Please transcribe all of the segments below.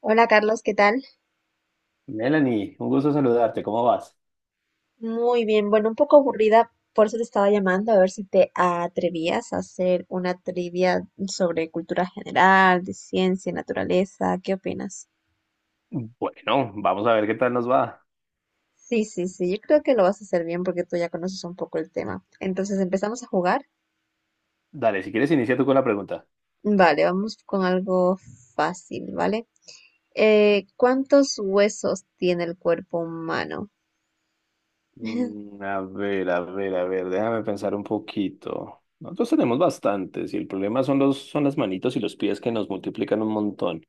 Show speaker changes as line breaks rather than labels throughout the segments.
Hola Carlos, ¿qué tal?
Melanie, un gusto saludarte, ¿cómo vas?
Muy bien, bueno, un poco aburrida, por eso te estaba llamando a ver si te atrevías a hacer una trivia sobre cultura general, de ciencia, naturaleza, ¿qué opinas?
Bueno, vamos a ver qué tal nos va.
Sí, sí, sí, yo creo que lo vas a hacer bien porque tú ya conoces un poco el tema. Entonces, ¿empezamos a jugar?
Dale, si quieres inicia tú con la pregunta.
Vale, vamos con algo fácil, ¿vale? ¿Cuántos huesos tiene el cuerpo humano?
A ver, a ver, a ver, déjame pensar un poquito. Nosotros tenemos bastantes y el problema son las manitos y los pies que nos multiplican un montón.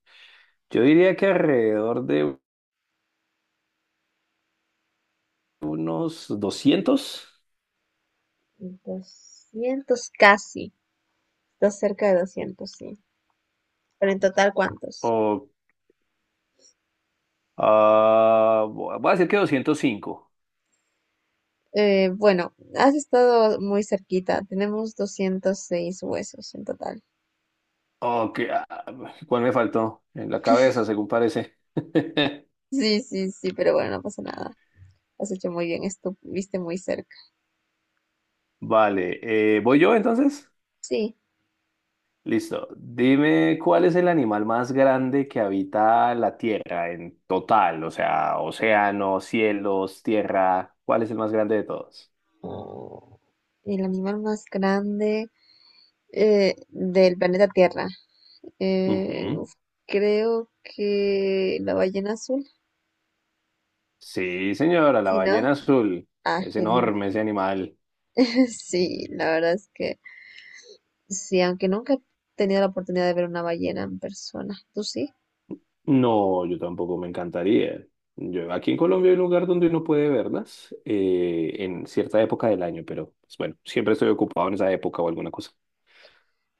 Yo diría que alrededor de unos doscientos
200, casi, está cerca de 200, sí. Pero en total, ¿cuántos?
o voy a decir que 205.
Bueno, has estado muy cerquita. Tenemos 206 huesos en total.
Ok, ¿cuál me faltó? En la cabeza, según parece.
Sí, sí, sí, pero bueno, no pasa nada. Has hecho muy bien, estuviste muy cerca.
Vale, ¿voy yo entonces?
Sí,
Listo. Dime cuál es el animal más grande que habita la Tierra en total, o sea, océano, cielos, tierra. ¿Cuál es el más grande de todos?
oh, el animal más grande del planeta Tierra.
Ujú.
Uf, creo que la ballena azul.
Sí, señora, la
Sí, ¿no?
ballena azul.
Ah,
Es
genial.
enorme ese animal.
Sí, la verdad es que sí, aunque nunca he tenido la oportunidad de ver una ballena en persona. ¿Tú sí?
No, yo tampoco, me encantaría. Yo, aquí en Colombia hay un lugar donde uno puede verlas en cierta época del año, pero pues, bueno, siempre estoy ocupado en esa época o alguna cosa.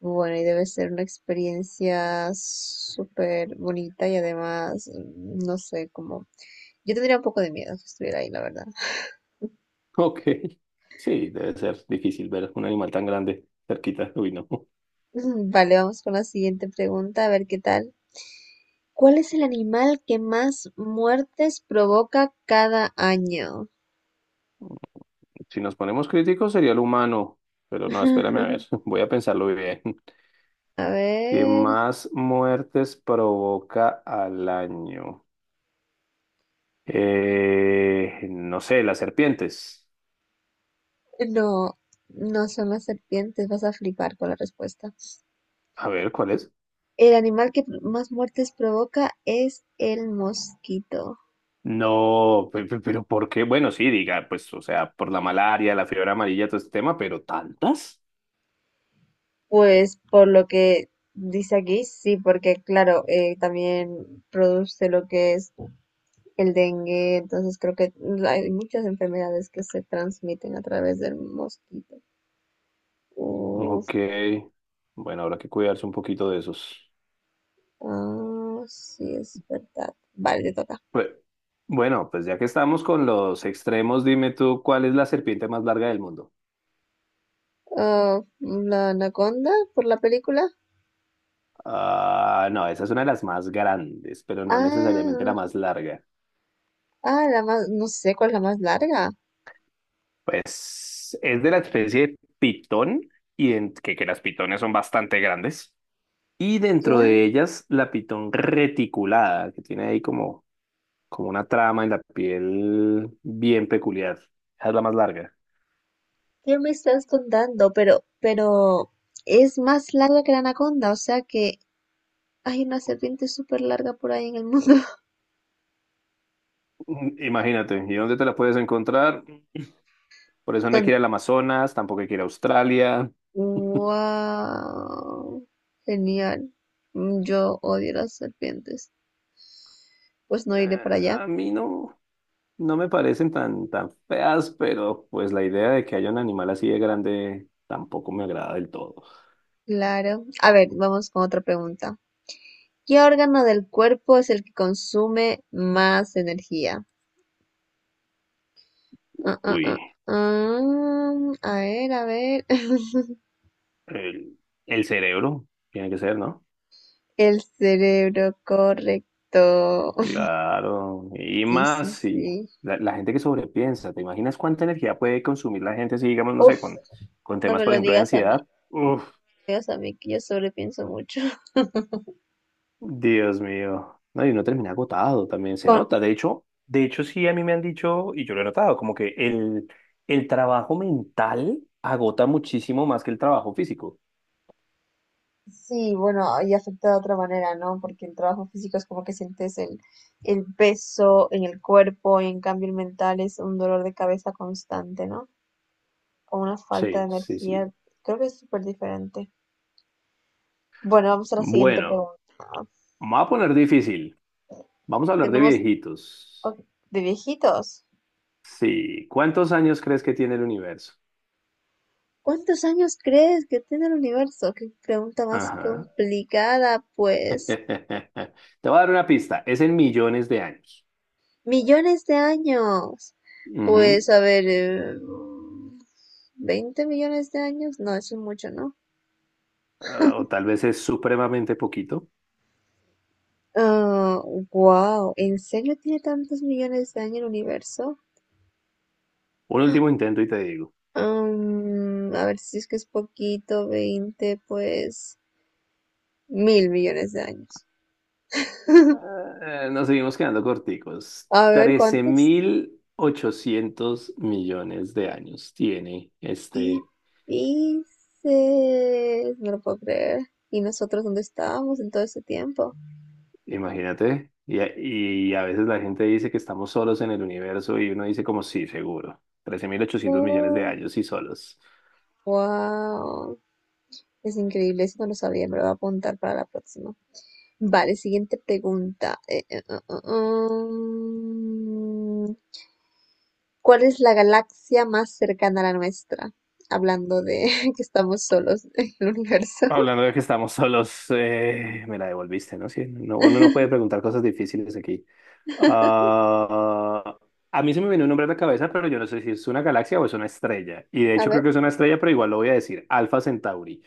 Bueno, y debe ser una experiencia súper bonita y además, no sé, como. Yo tendría un poco de miedo si estuviera ahí, la verdad.
Ok, sí, debe ser difícil ver un animal tan grande cerquita. Uy, no.
Vale, vamos con la siguiente pregunta, a ver qué tal. ¿Cuál es el animal que más muertes provoca cada año?
Si nos ponemos críticos sería el humano, pero no, espérame a ver, voy a pensarlo bien.
A
¿Qué
ver,
más muertes provoca al año? No sé, las serpientes.
no, no son las serpientes, vas a flipar con la respuesta.
A ver, ¿cuál es?
El animal que más muertes provoca es el mosquito.
No, pero ¿por qué? Bueno, sí, diga, pues, o sea, por la malaria, la fiebre amarilla, todo este tema, ¿pero tantas?
Pues por lo que dice aquí, sí, porque claro, también produce lo que es el dengue, entonces creo que hay muchas enfermedades que se transmiten a través del mosquito. Uf,
Ok, bueno, habrá que cuidarse un poquito de esos.
ah, sí, es verdad. Vale, te toca.
Pues, bueno, pues ya que estamos con los extremos, dime tú, ¿cuál es la serpiente más larga del mundo?
Ah, la anaconda por la película.
Ah, no, esa es una de las más grandes, pero no necesariamente
Ah,
la más larga.
ah, la más, no sé cuál es la más larga.
Pues es de la especie de pitón, y que las pitones son bastante grandes. Y
Ya,
dentro de ellas, la pitón reticulada, que tiene ahí como una trama en la piel bien peculiar. Esa es la más larga.
¿qué me estás contando? Pero es más larga que la anaconda, o sea que hay una serpiente súper larga por ahí en el mundo.
Imagínate, ¿y dónde te la puedes encontrar? Por eso no hay que
Bastante.
ir al Amazonas, tampoco hay que ir a Australia.
Wow, genial. Yo odio las serpientes. Pues no iré para allá.
A mí no, no me parecen tan feas, pero pues la idea de que haya un animal así de grande tampoco me agrada del todo.
Claro. A ver, vamos con otra pregunta. ¿Qué órgano del cuerpo es el que consume más energía? Ah, ah,
Uy,
ah, ah, a ver, a ver.
el, el cerebro tiene que ser, ¿no?
El cerebro, correcto.
Claro, y
Sí,
más
sí,
si
sí.
la gente que sobrepiensa, ¿te imaginas cuánta energía puede consumir la gente si, digamos, no
Uf,
sé, con
no
temas,
me
por
lo
ejemplo, de
digas a mí.
ansiedad? Uf.
No me digas a mí que yo sobrepienso mucho.
Dios mío. No, y uno termina agotado también, se
Con
nota. De hecho, sí, a mí me han dicho, y yo lo he notado, como que el trabajo mental agota muchísimo más que el trabajo físico.
Sí, bueno, y afecta de otra manera, ¿no? Porque el trabajo físico es como que sientes el peso en el cuerpo y en cambio el mental es un dolor de cabeza constante, ¿no? O una falta de
Sí, sí,
energía.
sí.
Creo que es súper diferente. Bueno, vamos a la siguiente
Bueno,
pregunta.
me va a poner difícil. Vamos a hablar de
Tenemos
viejitos.
Ok, de viejitos.
Sí, ¿cuántos años crees que tiene el universo?
¿Cuántos años crees que tiene el universo? Qué pregunta más
Ajá.
complicada, pues.
Te voy a dar una pista. Es en millones de años.
Millones de años. Pues
Ujú.
a ver, 20 millones de años. No, eso es mucho, ¿no?
Ah, o tal vez es supremamente poquito.
Ah, wow. ¿En serio tiene tantos millones de años el universo?
Un último intento y te digo.
A ver si es que es poquito, 20, pues mil millones de años.
Nos seguimos quedando corticos.
A ver,
Trece
¿cuántos?
mil ochocientos millones de años tiene
¿Qué
este,
dices? No lo puedo creer. ¿Y nosotros dónde estábamos en todo ese tiempo?
imagínate. Y, y a veces la gente dice que estamos solos en el universo y uno dice como sí, seguro. Trece mil ochocientos millones de
Oh,
años y solos.
wow. Es increíble, eso no lo sabía, me lo voy a apuntar para la próxima. Vale, siguiente pregunta. Mm, ¿cuál es la galaxia más cercana a la nuestra? Hablando de que estamos solos en el universo.
Hablando de que estamos solos, me la devolviste, ¿no? Sí, no, uno no puede preguntar cosas difíciles aquí. Ah, a mí se me viene un nombre a la cabeza, pero yo no sé si es una galaxia o es una estrella. Y de
A
hecho creo
ver.
que es una estrella, pero igual lo voy a decir. Alfa Centauri.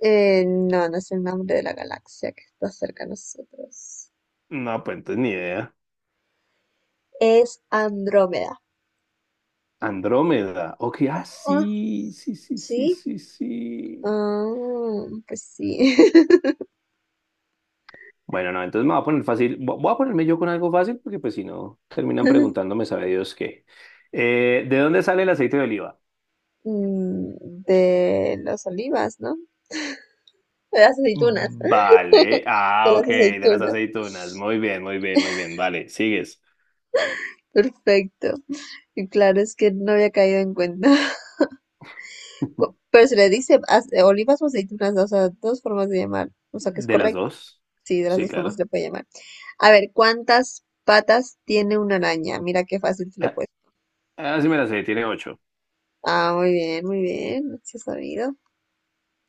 No, no es el nombre de la galaxia que está cerca a nosotros.
No, pues entonces ni idea.
Es Andrómeda.
Andrómeda. Ok, ah,
Ah,
sí, sí, sí, sí,
¿sí?
sí, sí.
Ah, pues sí.
Bueno, no, entonces me voy a poner fácil. Voy a ponerme yo con algo fácil, porque pues si no, terminan preguntándome, sabe Dios qué. ¿De dónde sale el aceite de oliva?
Mm, De los olivas, ¿no? De las aceitunas.
Vale.
De
Ah,
las
ok, de las
aceitunas.
aceitunas. Muy bien, muy bien, muy bien. Vale, sigues.
Perfecto. Y claro, es que no había caído en cuenta. Pero se le dice olivas o aceitunas, o sea, dos formas de llamar. O sea, que es
¿De las
correcto.
dos?
Sí, de las
Sí,
dos formas
claro.
se le puede llamar. A ver, ¿cuántas patas tiene una araña? Mira qué fácil se le
Ah,
puede.
ah, sí me la sé, tiene ocho.
Ah, muy bien, muy bien. Sí, has sabido.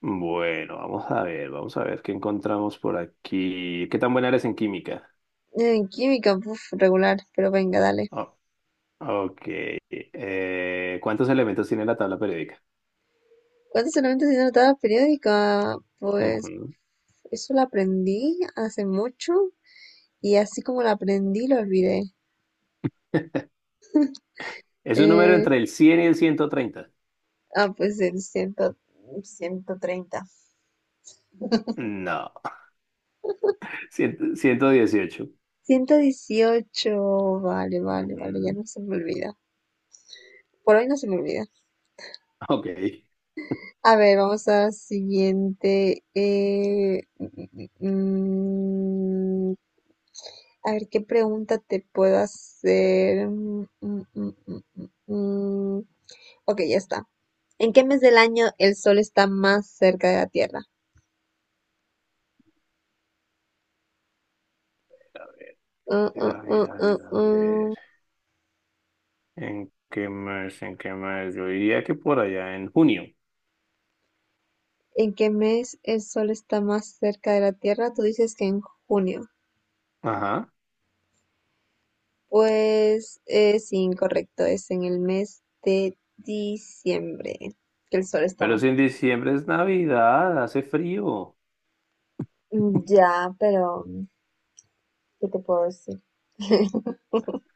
Bueno, vamos a ver qué encontramos por aquí. ¿Qué tan buena eres en química?
En química, uf, regular, pero venga, dale.
Oh, ok. ¿Cuántos elementos tiene la tabla periódica?
¿Cuántos elementos tiene la tabla periódica? Pues
Ujú.
eso lo aprendí hace mucho. Y así como lo aprendí, lo olvidé.
¿Es un número
Eh,
entre el cien y el ciento treinta?
ah, pues el ciento treinta,
No. 118.
118. Vale, vale, vale, ya
Ujú.
no se me olvida. Por hoy no se me olvida.
Ok. A
A ver, vamos a la siguiente. A ver, ¿qué pregunta te puedo hacer? Mm, mm, mm, mm, mm, mm. Ok, ya está. ¿En qué mes del año el sol está más cerca de la Tierra? Mm,
ver,
mm,
a ver,
mm,
a
mm,
ver, a ver.
mm.
¿En qué mes? ¿En qué mes? Yo diría que por allá en junio.
En qué mes el sol está más cerca de la Tierra. Tú dices que en junio.
Ajá.
Pues es incorrecto, es en el mes de diciembre que el sol está
Pero
más.
si en diciembre es Navidad, hace frío.
Mm, ya, pero ¿qué te puedo decir?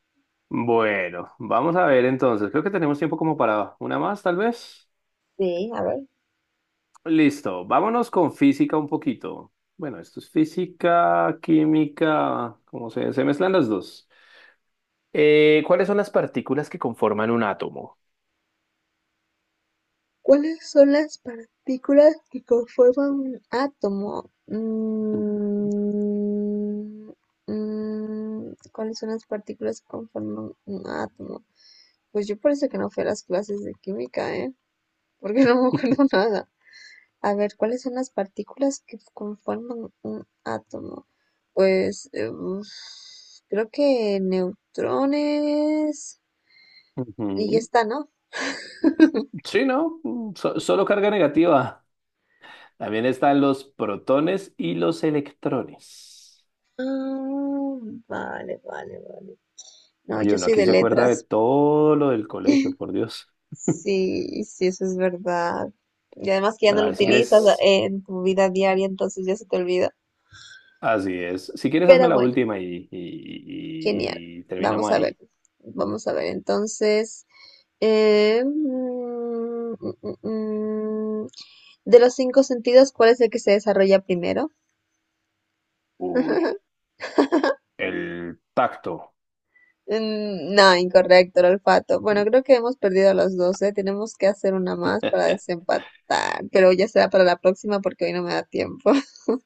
Bueno, vamos a ver entonces. Creo que tenemos tiempo como para una más, tal vez.
Sí, a ver.
Listo. Vámonos con física un poquito. Bueno, esto es física, química, como se mezclan las dos. ¿Cuáles son las partículas que conforman un átomo?
¿Cuáles son las partículas que conforman un átomo? ¿Cuáles son las partículas que conforman un átomo? Pues yo parece que no fui a las clases de química, ¿eh? Porque no me acuerdo nada. A ver, ¿cuáles son las partículas que conforman un átomo? Pues uf, creo que neutrones y ya
Ujú.
está, ¿no?
Sí, ¿no? Mm, solo carga negativa. También están los protones y los electrones.
Ah, vale, vale, vale. No,
Oye,
yo
uno
soy
aquí
de
se acuerda de
letras.
todo lo del colegio, por Dios.
Sí, sí, eso es verdad. Y además que ya
Bueno,
no
a
lo
ver, si
utilizas
quieres,
en tu vida diaria, entonces ya se te olvida.
así es. Si quieres, hazme
Pero
la
bueno.
última
Genial.
y
Vamos
terminamos
a ver.
ahí.
Vamos a ver. Entonces, eh, mm, mm, mm, mm. de los cinco sentidos, ¿cuál es el que se desarrolla primero?
Uy, el tacto.
No, incorrecto, el olfato. Bueno, creo que hemos perdido a los 12. Tenemos que hacer una más para desempatar, pero ya será para la próxima porque hoy no me da tiempo.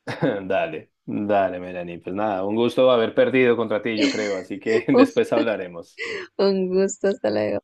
Dale, dale, Melanie. Pues nada, un gusto haber perdido contra ti, yo creo, así que después hablaremos.
Un gusto, hasta luego.